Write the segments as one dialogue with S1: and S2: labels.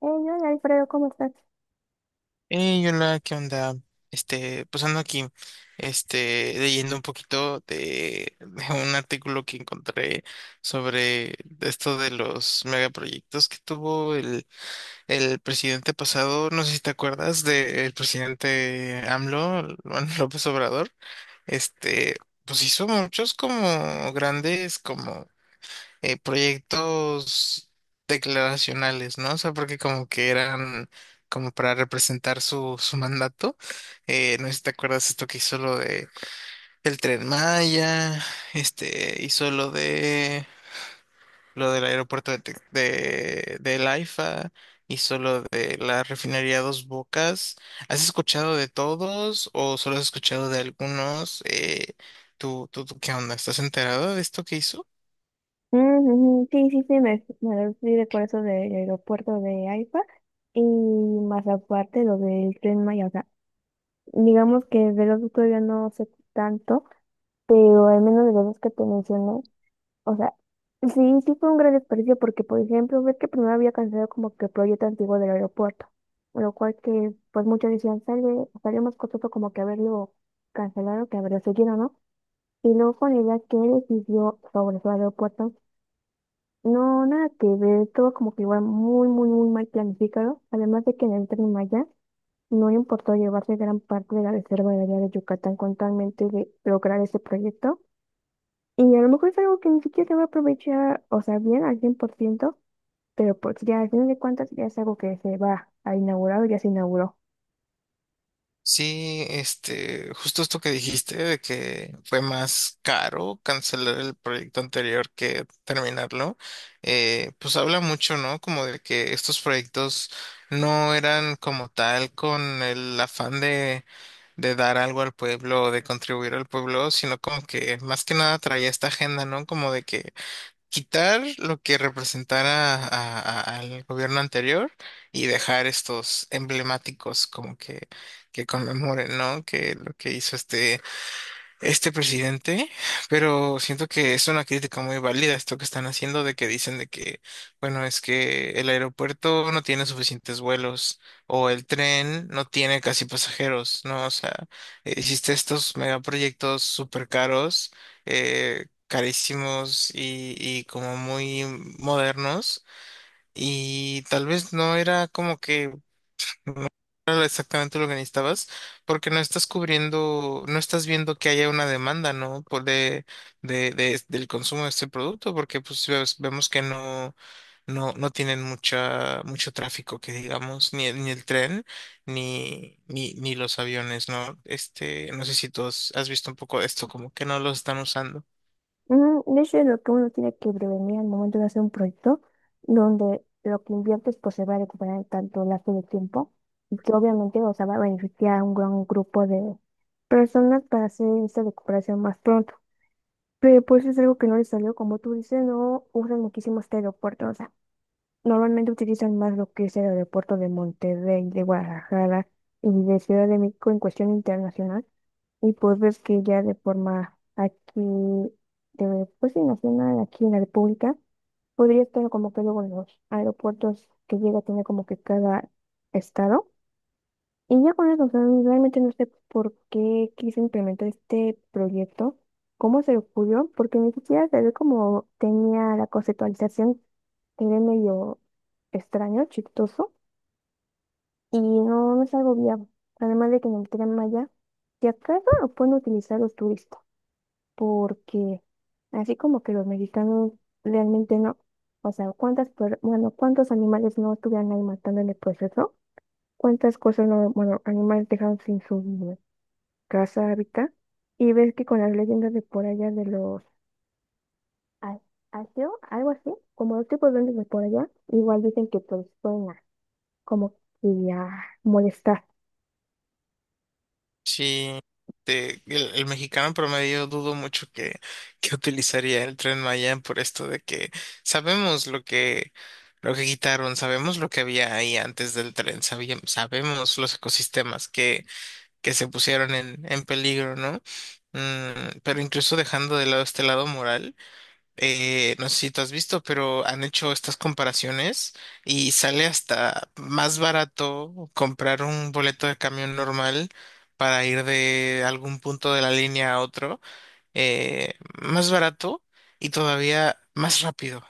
S1: Hey, hola Alfredo, ¿cómo estás?
S2: Hey, hola, ¿qué onda? Pues ando aquí, leyendo un poquito de un artículo que encontré sobre esto de los megaproyectos que tuvo el presidente pasado. No sé si te acuerdas del presidente AMLO, Juan López Obrador. Este, pues hizo muchos como grandes, como proyectos declaracionales, ¿no? O sea, porque como que eran como para representar su mandato. No sé si te acuerdas esto que hizo lo de el Tren Maya, este, hizo lo de lo del aeropuerto de, del AIFA, hizo lo de la refinería Dos Bocas. ¿Has escuchado de todos o solo has escuchado de algunos? Tú qué onda? ¿Estás enterado de esto que hizo?
S1: Mm, Sí, sí, sí, me fui de eso del aeropuerto de AIFA y más aparte lo del Tren Maya, o sea, digamos que de los dos todavía no sé tanto, pero al menos de los dos que te mencioné, o sea, sí, sí fue un gran desperdicio porque, por ejemplo, ves que primero había cancelado como que el proyecto antiguo del aeropuerto, lo cual que pues muchos decían, sale, salió más costoso como que haberlo cancelado que haberlo seguido, ¿no? Y luego con la idea que él decidió sobre su aeropuerto. No, nada que ver, todo como que igual muy, muy, muy mal planificado. Además de que en el Tren Maya no le importó llevarse gran parte de la reserva de área de Yucatán con talmente de lograr ese proyecto. Y a lo mejor es algo que ni siquiera se va a aprovechar, o sea, bien al cien por ciento, pero pues ya al final de cuentas ya es algo que se va a inaugurar o ya se inauguró.
S2: Sí, este, justo esto que dijiste de que fue más caro cancelar el proyecto anterior que terminarlo. Pues habla mucho, ¿no? Como de que estos proyectos no eran como tal con el afán de dar algo al pueblo, de contribuir al pueblo, sino como que más que nada traía esta agenda, ¿no? Como de que quitar lo que representara al gobierno anterior y dejar estos emblemáticos como que conmemoren, ¿no? Que lo que hizo este presidente, pero siento que es una crítica muy válida esto que están haciendo de que dicen de que, bueno, es que el aeropuerto no tiene suficientes vuelos o el tren no tiene casi pasajeros, ¿no? O sea, hiciste estos megaproyectos súper caros, carísimos y como muy modernos y tal vez no era como que era exactamente lo que necesitabas, porque no estás cubriendo, no estás viendo que haya una demanda, ¿no? Por de- del consumo de este producto, porque pues vemos que no tienen mucha, mucho tráfico, que digamos, ni el tren, ni los aviones, ¿no? Este, no sé si tú has visto un poco de esto, como que no los están usando.
S1: De hecho, es lo que uno tiene que prevenir al momento de hacer un proyecto, donde lo que inviertes pues se va a recuperar en tanto lapso de tiempo y que obviamente, o sea, va a beneficiar a un gran grupo de personas para hacer esta recuperación más pronto. Pero pues es algo que no les salió, como tú dices, no usan muchísimo este aeropuerto, o sea, normalmente utilizan más lo que es el aeropuerto de Monterrey, de Guadalajara y de Ciudad de México en cuestión internacional. Y pues ves que ya de forma aquí, de, pues sí, nacional, aquí en la República, podría estar como que luego en los aeropuertos que llega a tener como que cada estado. Y ya con eso, o sea, realmente no sé por qué quise implementar este proyecto, cómo se le ocurrió, porque ni siquiera se ve como tenía la conceptualización, era medio extraño, chistoso, y no, no es algo viable. Además de que en el Tren Maya, si acaso lo pueden utilizar los turistas, porque así como que los mexicanos realmente no. O sea, cuántas, per- bueno, cuántos animales no estuvieran ahí matando en el proceso, cuántas cosas no, bueno, animales dejaron sin su casa, hábitat, y ves que con las leyendas de por allá de los a- asio, algo así, como los tipos de duendes de por allá, igual dicen que pues pueden como que a molestar.
S2: Sí, el mexicano promedio dudo mucho que que utilizaría el Tren Maya por esto de que sabemos lo que quitaron, sabemos lo que había ahí antes del tren, sabíamos, sabemos los ecosistemas que se pusieron en peligro, ¿no? Pero incluso dejando de lado este lado moral no sé si tú has visto, pero han hecho estas comparaciones y sale hasta más barato comprar un boleto de camión normal para ir de algún punto de la línea a otro, eh, más barato y todavía más rápido.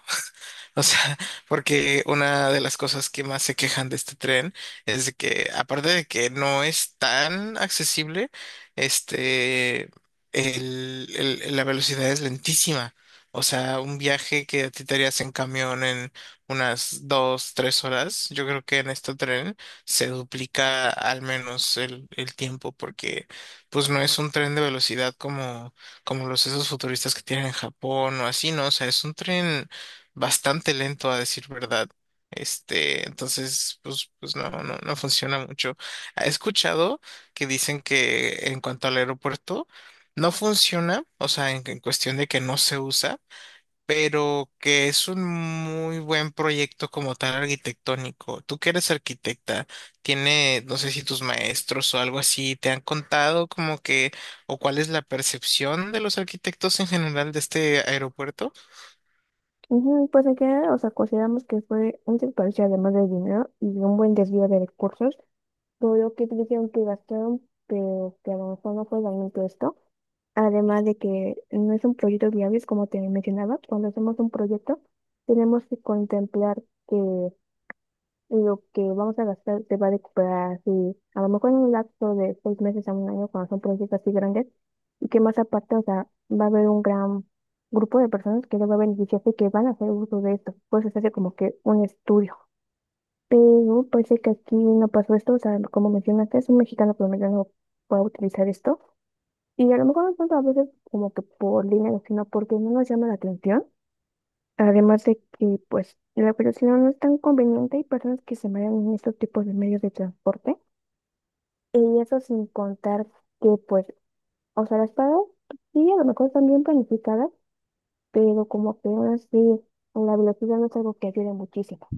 S2: O sea, porque una de las cosas que más se quejan de este tren es de que, aparte de que no es tan accesible, este, el, la velocidad es lentísima. O sea, un viaje que a ti te harías en camión en unas dos, tres horas, yo creo que en este tren se duplica al menos el tiempo, porque pues no es un tren de velocidad como los esos futuristas que tienen en Japón o así, ¿no? O sea, es un tren bastante lento a decir verdad. Entonces, pues no funciona mucho. He escuchado que dicen que en cuanto al aeropuerto no funciona, o sea, en cuestión de que no se usa, pero que es un muy buen proyecto como tal arquitectónico. Tú que eres arquitecta, tiene, no sé si tus maestros o algo así te han contado como o cuál es la percepción de los arquitectos en general de este aeropuerto.
S1: Ujú. Pues en general, o sea, consideramos que fue un desperdicio además de dinero y un buen desvío de recursos. Todo lo que dijeron que gastaron, pero que a lo mejor no fue realmente esto. Además de que no es un proyecto viable, es como te mencionaba, cuando hacemos un proyecto tenemos que contemplar que lo que vamos a gastar se va a recuperar así, a lo mejor en un lapso de seis meses a un año, cuando son proyectos así grandes, y que más aparte, o sea, va a haber un gran grupo de personas que les va a beneficiar y que van a hacer uso de esto. Pues se hace como que un estudio. Pero parece que aquí no pasó esto, o sea, como mencionaste, es un mexicano promedio no puede utilizar esto. Y a lo mejor no tanto a veces como que por dinero, sino porque no nos llama la atención. Además de que, pues, la velocidad no es tan conveniente, hay personas que se marean en estos tipos de medios de transporte. Y eso sin contar que, pues, o sea, las paradas sí, a lo mejor están bien planificadas, pero como que aún así, la velocidad no es algo que ayude muchísimo.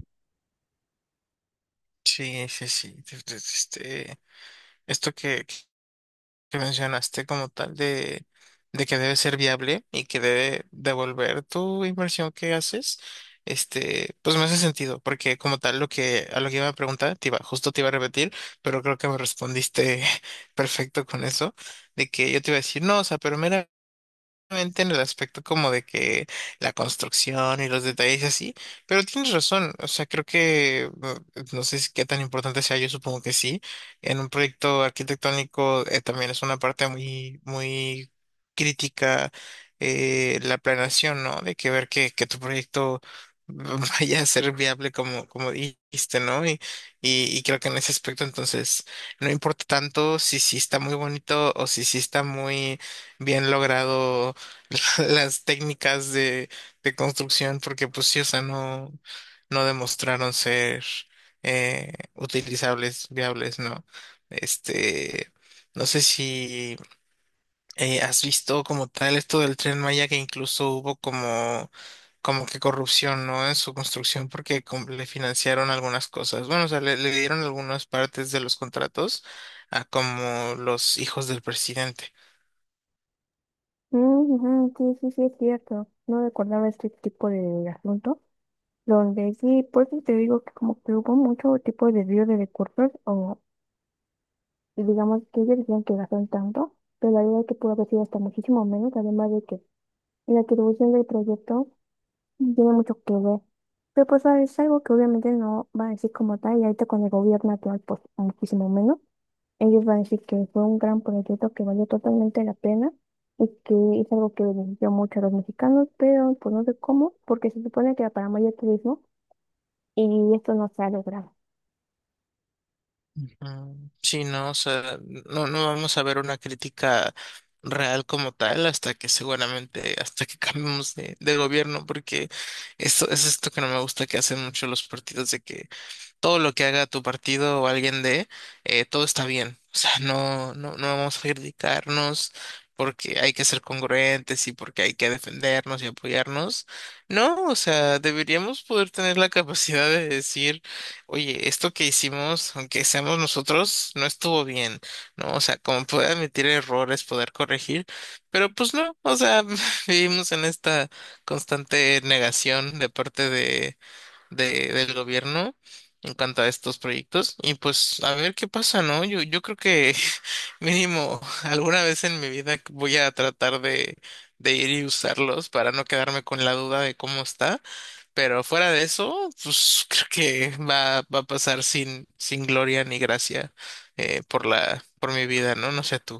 S2: Sí, sí, sí. Este, Esto que mencionaste como tal de que debe ser viable y que debe devolver tu inversión que haces, este, pues me hace sentido, porque como tal lo que a lo que iba a preguntar, justo te iba a repetir, pero creo que me respondiste perfecto con eso, de que yo te iba a decir, no, o sea, pero meramente en el aspecto como de que la construcción y los detalles y así, pero tienes razón, o sea, creo que no sé si qué tan importante sea, yo supongo que sí, en un proyecto arquitectónico también es una parte muy, muy crítica la planeación, ¿no? De que ver que tu proyecto vaya a ser viable como dijiste, ¿no? Y creo que en ese aspecto entonces no importa tanto si sí está muy bonito o si sí está muy bien logrado las técnicas de construcción, porque pues sí, o sea, no, no demostraron ser utilizables, viables, ¿no? Este, no sé si has visto como tal esto del Tren Maya, que incluso hubo como que corrupción, ¿no? En su construcción, porque le financiaron algunas cosas. Bueno, o sea, le dieron algunas partes de los contratos a como los hijos del presidente.
S1: Mm, ujú, sí, sí, sí, es cierto. No recordaba este tipo de asunto, donde sí, por eso te digo que como que hubo mucho tipo de desvío de recursos. Y digamos que ellos dijeron que gastaron tanto, pero la verdad es que pudo haber sido hasta muchísimo menos, además de que en la atribución del proyecto tiene mucho que ver. Pero pues ah, es algo que obviamente no van a decir como tal, y ahorita con el gobierno actual, pues muchísimo menos. Ellos van a decir que fue un gran proyecto que valió totalmente la pena y que es algo que benefició mucho a los mexicanos, pero pues no sé cómo, porque se supone que era para mayor turismo y esto no se ha logrado.
S2: Ujú. Sí, no, o sea, no, no vamos a ver una crítica real como tal hasta que seguramente, hasta que cambiemos de gobierno, porque esto es esto que no me gusta que hacen mucho los partidos de que todo lo que haga tu partido o alguien de, todo está bien. O sea, no, no, no vamos a criticarnos porque hay que ser congruentes y porque hay que defendernos y apoyarnos. No, o sea, deberíamos poder tener la capacidad de decir, oye, esto que hicimos, aunque seamos nosotros, no estuvo bien, ¿no? O sea, como poder admitir errores, poder corregir, pero pues no, o sea, vivimos en esta constante negación de parte del gobierno en cuanto a estos proyectos. Y pues a ver qué pasa, ¿no? Yo creo que mínimo alguna vez en mi vida voy a tratar de ir y usarlos para no quedarme con la duda de cómo está. Pero fuera de eso, pues creo que va a pasar sin gloria ni gracia por mi vida, ¿no? No sé tú.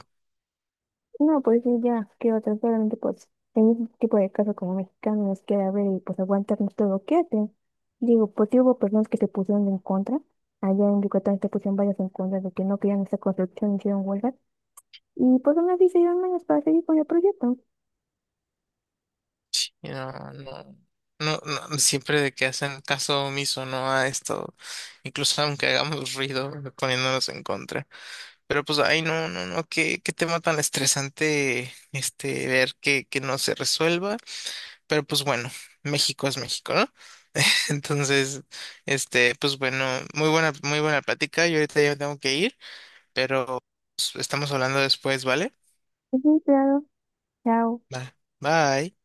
S1: No, pues sí, ya, qué otra, solamente pues, en un tipo de caso como mexicanos que a ver y pues aguantarnos todo lo que hacen. Digo, pues sí hubo personas que se pusieron en contra, allá en Yucatán se pusieron varias en contra de que no querían esta construcción, hicieron huelgas, y pues aún así se dieron menos para seguir con el proyecto.
S2: Y no, no, no, no, siempre de que hacen caso omiso, ¿no? A esto, incluso aunque hagamos ruido poniéndonos en contra. Pero pues, ay, no, no, no, qué tema tan estresante, este, ver que no se resuelva. Pero pues bueno, México es México, ¿no? Entonces, este, pues bueno, muy buena plática. Yo ahorita ya tengo que ir, pero pues, estamos hablando después, ¿vale?
S1: Sí, claro, chao.
S2: Va. Bye.